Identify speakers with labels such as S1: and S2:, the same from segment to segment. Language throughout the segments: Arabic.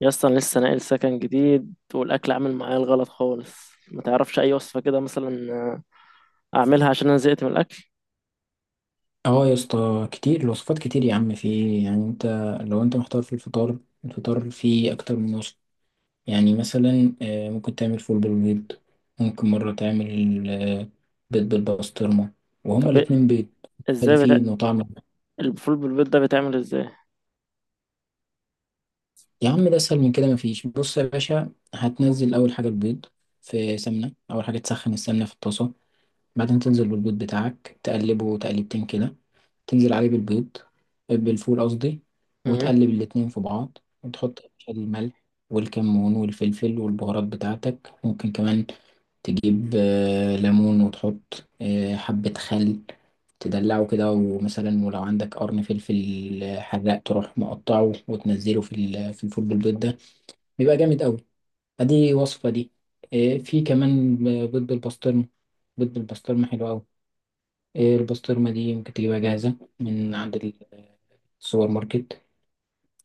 S1: يا اسطى انا لسه ناقل سكن جديد والاكل عامل معايا الغلط خالص. ما تعرفش اي وصفه كده مثلا اعملها عشان انا زهقت من الاكل.
S2: اه، يا اسطى كتير الوصفات، كتير يا عم. في، يعني انت لو انت محتار في الفطار فيه اكتر من وصفة. يعني مثلا، ممكن تعمل فول بالبيض، ممكن مرة تعمل بيض بالبسطرمة، وهما
S1: طب
S2: الاتنين بيض
S1: ازاي
S2: مختلفين
S1: بتا...
S2: وطعم.
S1: الفول بالبيض ده بيتعمل ازاي؟
S2: يا عم ده اسهل من كده. مفيش. بص يا باشا، هتنزل اول حاجة البيض في سمنة. اول حاجة تسخن السمنة في الطاسة، بعدين تنزل بالبيض بتاعك، تقلبه تقليبتين كده، تنزل عليه بالبيض، بالفول قصدي،
S1: مم.
S2: وتقلب الاتنين في بعض، وتحط يا باشا الملح والكمون والفلفل والبهارات بتاعتك. ممكن كمان تجيب ليمون، وتحط حبة خل، تدلعه كده. ومثلا، ولو عندك قرن فلفل حراق، تروح مقطعه وتنزله في الفول بالبيض ده. بيبقى جامد قوي. ادي وصفة دي. في كمان بيض بالبسطرمة. بيض بالبسطرمة حلو قوي. البسطرمة دي ممكن تجيبها جاهزة من عند سوبر ماركت،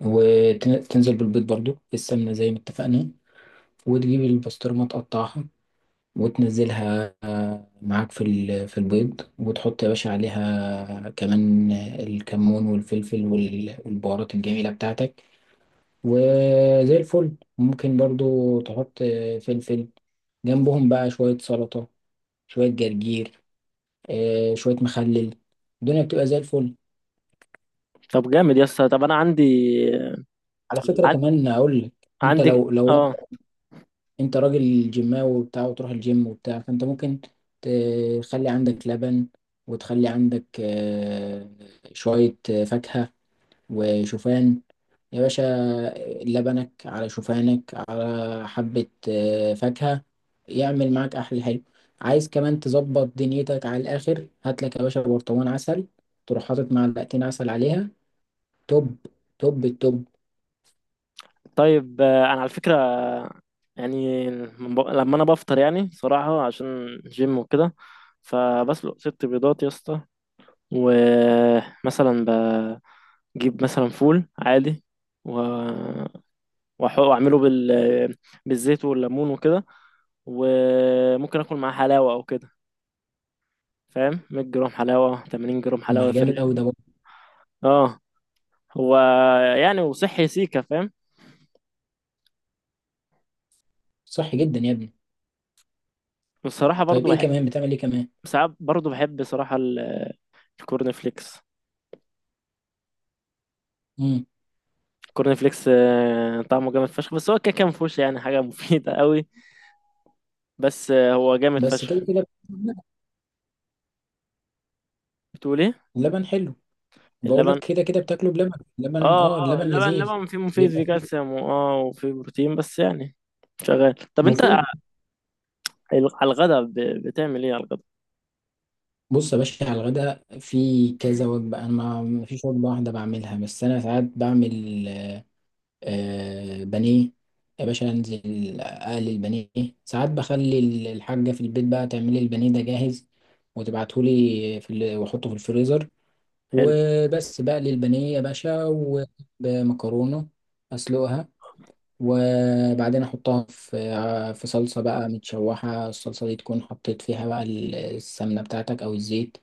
S2: وتنزل بالبيض برضو السمنة زي ما اتفقنا، وتجيب البسطرمة تقطعها وتنزلها معاك في البيض، وتحط يا باشا عليها كمان الكمون والفلفل والبهارات الجميلة بتاعتك، وزي الفل. ممكن برضو تحط فلفل جنبهم بقى. شوية سلطة، شوية جرجير، شوية مخلل، الدنيا بتبقى زي الفل.
S1: طب جامد يا اسطى. طب انا
S2: على فكرة
S1: عن...
S2: كمان أقول لك، أنت
S1: عندي
S2: لو
S1: اه.
S2: انت راجل جيماوي وبتاع، وتروح الجيم وبتاع، فانت ممكن تخلي عندك لبن، وتخلي عندك شوية فاكهة وشوفان. يا باشا، لبنك على شوفانك على حبة فاكهة، يعمل معاك أحلى حلو. عايز كمان تظبط دنيتك على الآخر، هات لك يا باشا برطمان عسل، تروح حاطط معلقتين عسل عليها، توب، توب التوب.
S1: طيب انا على فكره يعني لما انا بفطر يعني صراحه عشان جيم وكده فبسلق ست بيضات يا اسطى، ومثلا بجيب مثلا فول عادي، و واعمله بالزيت والليمون وكده، وممكن اكل معاه حلاوه او كده، فاهم؟ 100 جرام حلاوه، 80 جرام حلاوه
S2: ما
S1: في
S2: جامد أوي
S1: الرغيف.
S2: ده برضه.
S1: اه، هو يعني وصحي سيكا، فاهم.
S2: صحي جدا يا ابني.
S1: والصراحه برضو
S2: طيب إيه
S1: بحب،
S2: كمان بتعمل، إيه كمان؟
S1: ساعات برضو بحب صراحه الكورن فليكس الكورن فليكس طعمه جامد فشخ، بس هو كده كان مفهوش يعني حاجه مفيده قوي. بس هو جامد
S2: بس كده
S1: فشخ.
S2: كده بتاكله بلبن.
S1: بتقول ايه؟
S2: لبن حلو. بقول لك
S1: اللبن.
S2: كده كده بتاكله بلبن. لبن
S1: اه
S2: اه
S1: اه،
S2: اللبن
S1: اللبن
S2: لذيذ.
S1: اللبن فيه مفيد،
S2: بيبقى
S1: فيه
S2: فيه
S1: كالسيوم وفيه بروتين، بس يعني شغال. طب انت
S2: مفيد.
S1: على الغدا، بتعمل ايه على الغدا؟
S2: بص يا باشا، على الغداء في كذا وجبة. انا ما فيش وجبة واحدة بعملها، بس انا ساعات بعمل بانيه. يا باشا انزل اقلي البانيه. ساعات بخلي الحاجة في البيت بقى تعمل لي البانيه ده جاهز، واحطه في الفريزر.
S1: حلو.
S2: وبس بقلي البانيه يا باشا، ومكرونة اسلقها، وبعدين احطها في صلصه بقى متشوحه. الصلصه دي تكون حطيت فيها بقى السمنه بتاعتك او الزيت،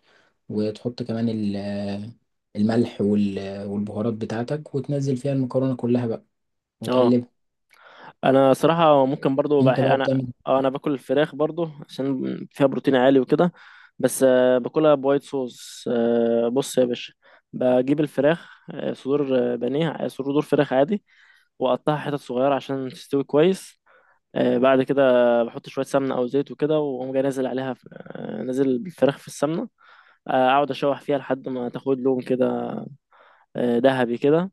S2: وتحط كمان الملح والبهارات بتاعتك، وتنزل فيها المكرونه كلها بقى
S1: اه،
S2: وتقلبها.
S1: انا صراحه ممكن برضو
S2: انت بقى
S1: انا،
S2: بتعمل.
S1: اه انا باكل الفراخ برضو عشان فيها بروتين عالي وكده، بس باكلها بوايت صوص. بص يا باشا، بجيب الفراخ صدور بانيه، صدور فراخ عادي، واقطعها حتت صغيره عشان تستوي كويس. بعد كده بحط شويه سمنه او زيت وكده، واقوم جاي نازل عليها في... آه، نازل بالفراخ في السمنه. اقعد اشوح فيها لحد ما تاخد لون كده، ذهبي كده.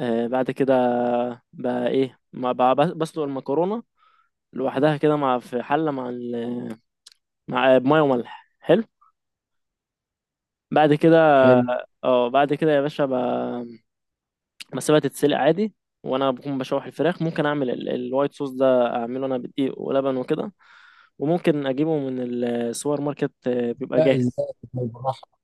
S1: بعد كده بقى ايه ما بقى بسلق المكرونه لوحدها كده، مع في حله، مع بميه وملح. حلو. بعد كده
S2: حلو.
S1: اه، بعد كده يا باشا بسيبها تتسلق عادي، وانا بكون بشوح الفراخ. ممكن اعمل الوايت صوص ده اعمله انا بدقيق ولبن وكده، وممكن اجيبه من السوبر ماركت بيبقى
S2: لا،
S1: جاهز.
S2: ازاي، بالراحه.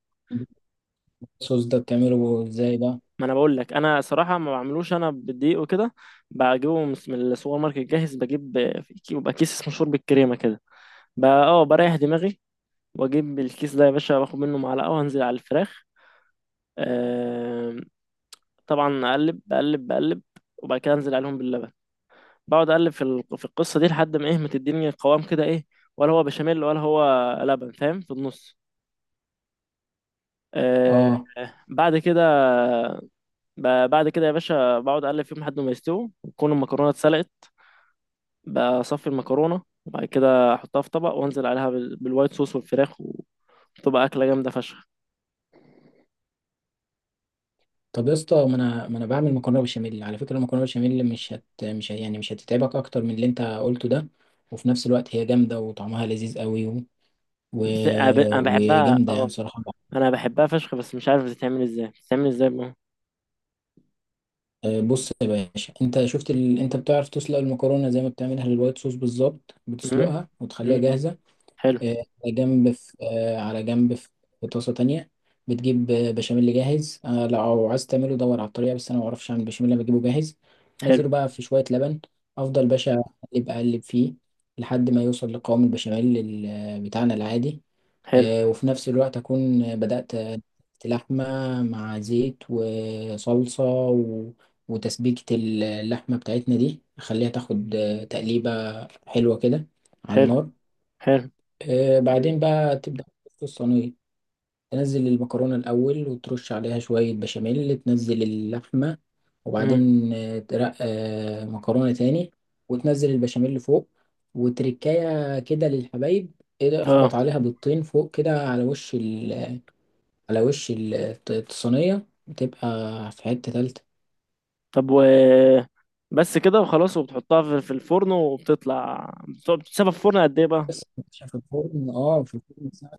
S2: الصوص ده بتعمله ازاي ده؟
S1: ما انا بقول لك انا صراحه ما بعملوش، انا بالدقيق وكده، بجيبه من السوبر ماركت جاهز. بجيب بيبقى كيس اسمه شوربه كريمه كده، بقى اه بريح دماغي، واجيب الكيس ده يا باشا، باخد منه معلقه وانزل على الفراخ آم، طبعا اقلب، بقلب، وبعد كده انزل عليهم باللبن، بقعد اقلب في القصه دي لحد ما ايه، ما تديني قوام كده، ايه ولا هو بشاميل ولا هو لبن، فاهم، في النص. آه
S2: اه.
S1: بعد كده بعد كده يا باشا بقعد اقلب فيهم لحد ما يستووا، وتكون المكرونه اتسلقت. بصفي المكرونه وبعد كده احطها في طبق، وانزل عليها بالوايت صوص والفراخ، وتبقى اكله جامده فشخ.
S2: طب يا اسطى، ما انا بعمل مكرونه بشاميل. على فكره، المكرونه بشاميل، مش هت مش ه- يعني مش هتتعبك اكتر من اللي انت قلته ده، وفي نفس الوقت هي جامده وطعمها لذيذ قوي، و...
S1: أنا بحبها،
S2: وجامده يعني،
S1: اه،
S2: صراحه.
S1: انا بحبها فشخ، بس مش عارف بتتعمل ازاي، بتتعمل ازاي بقى؟
S2: بص يا باشا، انت بتعرف تسلق المكرونه زي ما بتعملها للوايت صوص بالظبط،
S1: امم.
S2: بتسلقها وتخليها
S1: امم.
S2: جاهزه.
S1: حلو.
S2: على جنب في طاسة تانية، بتجيب بشاميل جاهز. لو عايز تعمله دور على الطريقة، بس أنا معرفش أعمل بشاميل، أنا بجيبه جاهز. أنزله
S1: حلو
S2: بقى في شوية لبن، أفضل باشا أقلب أقلب فيه لحد ما يوصل لقوام البشاميل بتاعنا العادي.
S1: حلو
S2: وفي نفس الوقت أكون بدأت لحمة مع زيت وصلصة، و... وتسبيكة اللحمة بتاعتنا دي أخليها تاخد تقليبة حلوة كده على
S1: حلو
S2: النار.
S1: حلو.
S2: بعدين بقى تبدأ في الصينية، تنزل المكرونة الأول وترش عليها شوية بشاميل، تنزل اللحمة،
S1: امم.
S2: وبعدين ترق مكرونة تاني، وتنزل البشاميل فوق، وتركاية كده للحبايب. ايه،
S1: اه.
S2: اخبط عليها بيضتين فوق كده على وش ال، الصينية، بتبقى في حتة تالتة.
S1: طب، بس كده وخلاص، وبتحطها في الفرن وبتطلع، بتقعد بتسيبها في الفرن قد ايه بقى؟
S2: بس يا باشا في الفرن ساعة،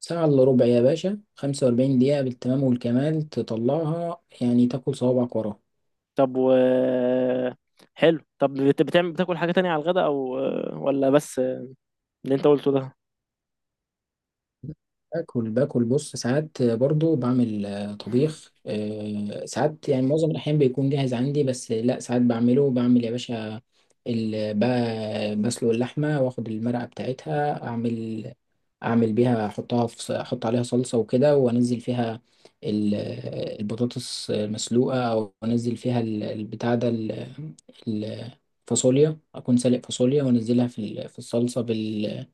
S2: ساعة إلا ربع يا باشا، 45 دقيقة بالتمام والكمال، تطلعها يعني تاكل صوابعك وراها.
S1: طب، حلو. طب بتعمل بتاكل حاجة تانية على الغداء، او ولا بس اللي انت قلته ده؟
S2: باكل بص، ساعات برضو بعمل طبيخ. ساعات يعني معظم الأحيان بيكون جاهز عندي، بس لا ساعات بعمله. بعمل يا باشا بسلق اللحمة، واخد المرقة بتاعتها، اعمل بيها، احط عليها صلصة وكده، وانزل فيها ال- البطاطس المسلوقة، او انزل فيها البتاع ده، الفاصوليا، اكون سالق فاصوليا وانزلها في الصلصة، بال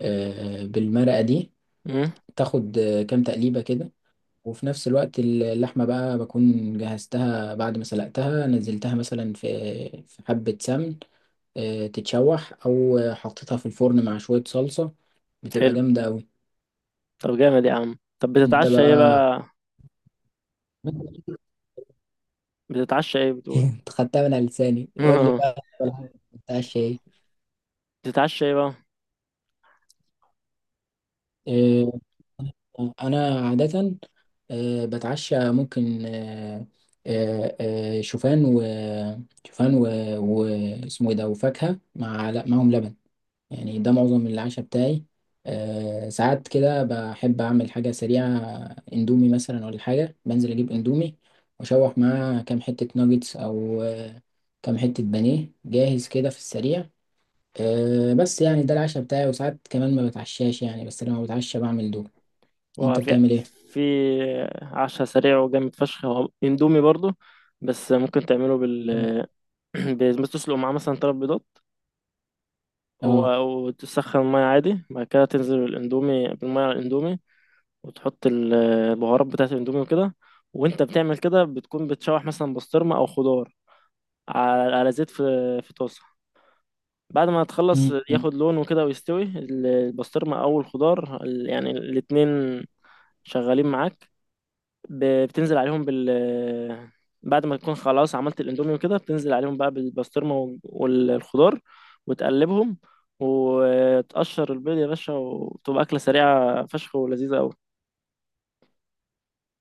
S2: آه، بالمرقة دي،
S1: امم.
S2: تاخد كام تقليبة كده. وفي نفس الوقت اللحمة بقى بكون جهزتها بعد ما سلقتها، نزلتها مثلا في حبة سمن تتشوح، أو حطيتها في الفرن مع شوية صلصة، بتبقى
S1: حلو.
S2: جامدة أوي.
S1: طب جامد يا عم. طب
S2: أنت
S1: بتتعشى ايه
S2: بقى.
S1: بقى؟ بتتعشى ايه بتقول؟
S2: أنت خدتها من على لساني، قول لي بقى أنت الحين بتاع الشاي.
S1: بتتعشى ايه بقى؟
S2: انا عاده بتعشى، ممكن شوفان و شوفان و واسمه ايه ده، وفاكهه، لا، معاهم لبن. يعني ده معظم العشاء بتاعي. ساعات كده بحب اعمل حاجه سريعه، اندومي مثلا ولا حاجه، بنزل اجيب اندومي واشوح معاه كام حته ناجتس، او كام حته بانيه جاهز كده في السريع. بس يعني ده العشاء بتاعي، وساعات كمان ما بتعشاش يعني، بس لما بتعشى بعمل دول.
S1: هو
S2: انت
S1: في
S2: بتعمل ايه؟
S1: في عشاء سريع وجامد فشخ، هو اندومي برضو، بس ممكن تعمله بس تسلق معاه مثلا تلات بيضات،
S2: اه.
S1: هو، وتسخن المية عادي. بعد كده تنزل الاندومي بالمية، على الاندومي وتحط البهارات بتاعة الاندومي وكده. وانت بتعمل كده بتكون بتشوح مثلا بسطرمة او خضار على، على زيت في، في طاسة. بعد ما تخلص
S2: مم.
S1: ياخد لون وكده، ويستوي البسطرمة او الخضار يعني الاتنين شغالين معاك، بتنزل عليهم بعد ما تكون خلاص عملت الاندومي وكده، بتنزل عليهم بقى بالبسطرمة والخضار، وتقلبهم، وتقشر البيض يا باشا، وتبقى أكلة سريعة فشخ، ولذيذة أوي.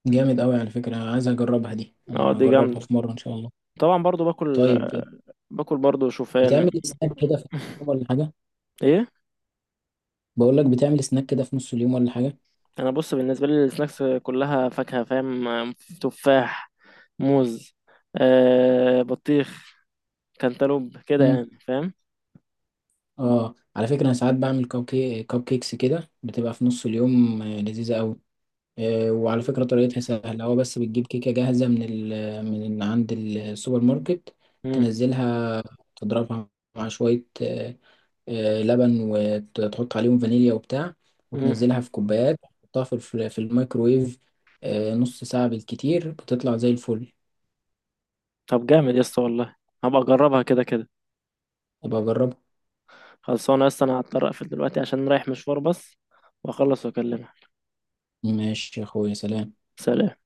S2: جامد قوي على فكرة، عايز اجربها دي،
S1: اه
S2: انا
S1: دي
S2: هجربها
S1: جامدة.
S2: في مرة ان شاء الله.
S1: طبعا برضو باكل،
S2: طيب
S1: برضو شوفان.
S2: بتعمل سناك كده في نص اليوم ولا حاجة؟
S1: ايه؟
S2: بقول لك، بتعمل سناك كده في نص اليوم ولا حاجة؟
S1: انا بص، بالنسبة لي السناكس كلها فاكهة، فاهم، تفاح، موز، بطيخ، كانتالوب كده،
S2: مم.
S1: يعني فاهم.
S2: اه، على فكرة انا ساعات بعمل كوب كيكس كده، بتبقى في نص اليوم لذيذة قوي. وعلى فكرة طريقتها سهلة، هو بس بتجيب كيكة جاهزة من عند السوبر ماركت،
S1: مم.
S2: تنزلها، تضربها مع شوية لبن، وتحط عليهم فانيليا وبتاع،
S1: مم.
S2: وتنزلها في كوبايات، تحطها في الميكرويف، نص ساعة بالكتير بتطلع زي الفل.
S1: طب جامد يا اسطى والله، هبقى اجربها كده كده.
S2: يبقى جربها.
S1: خلصانه يا اسطى، انا هضطر اقفل دلوقتي عشان رايح مشوار، بس واخلص واكلمها.
S2: ماشي يا اخويا، سلام.
S1: سلام.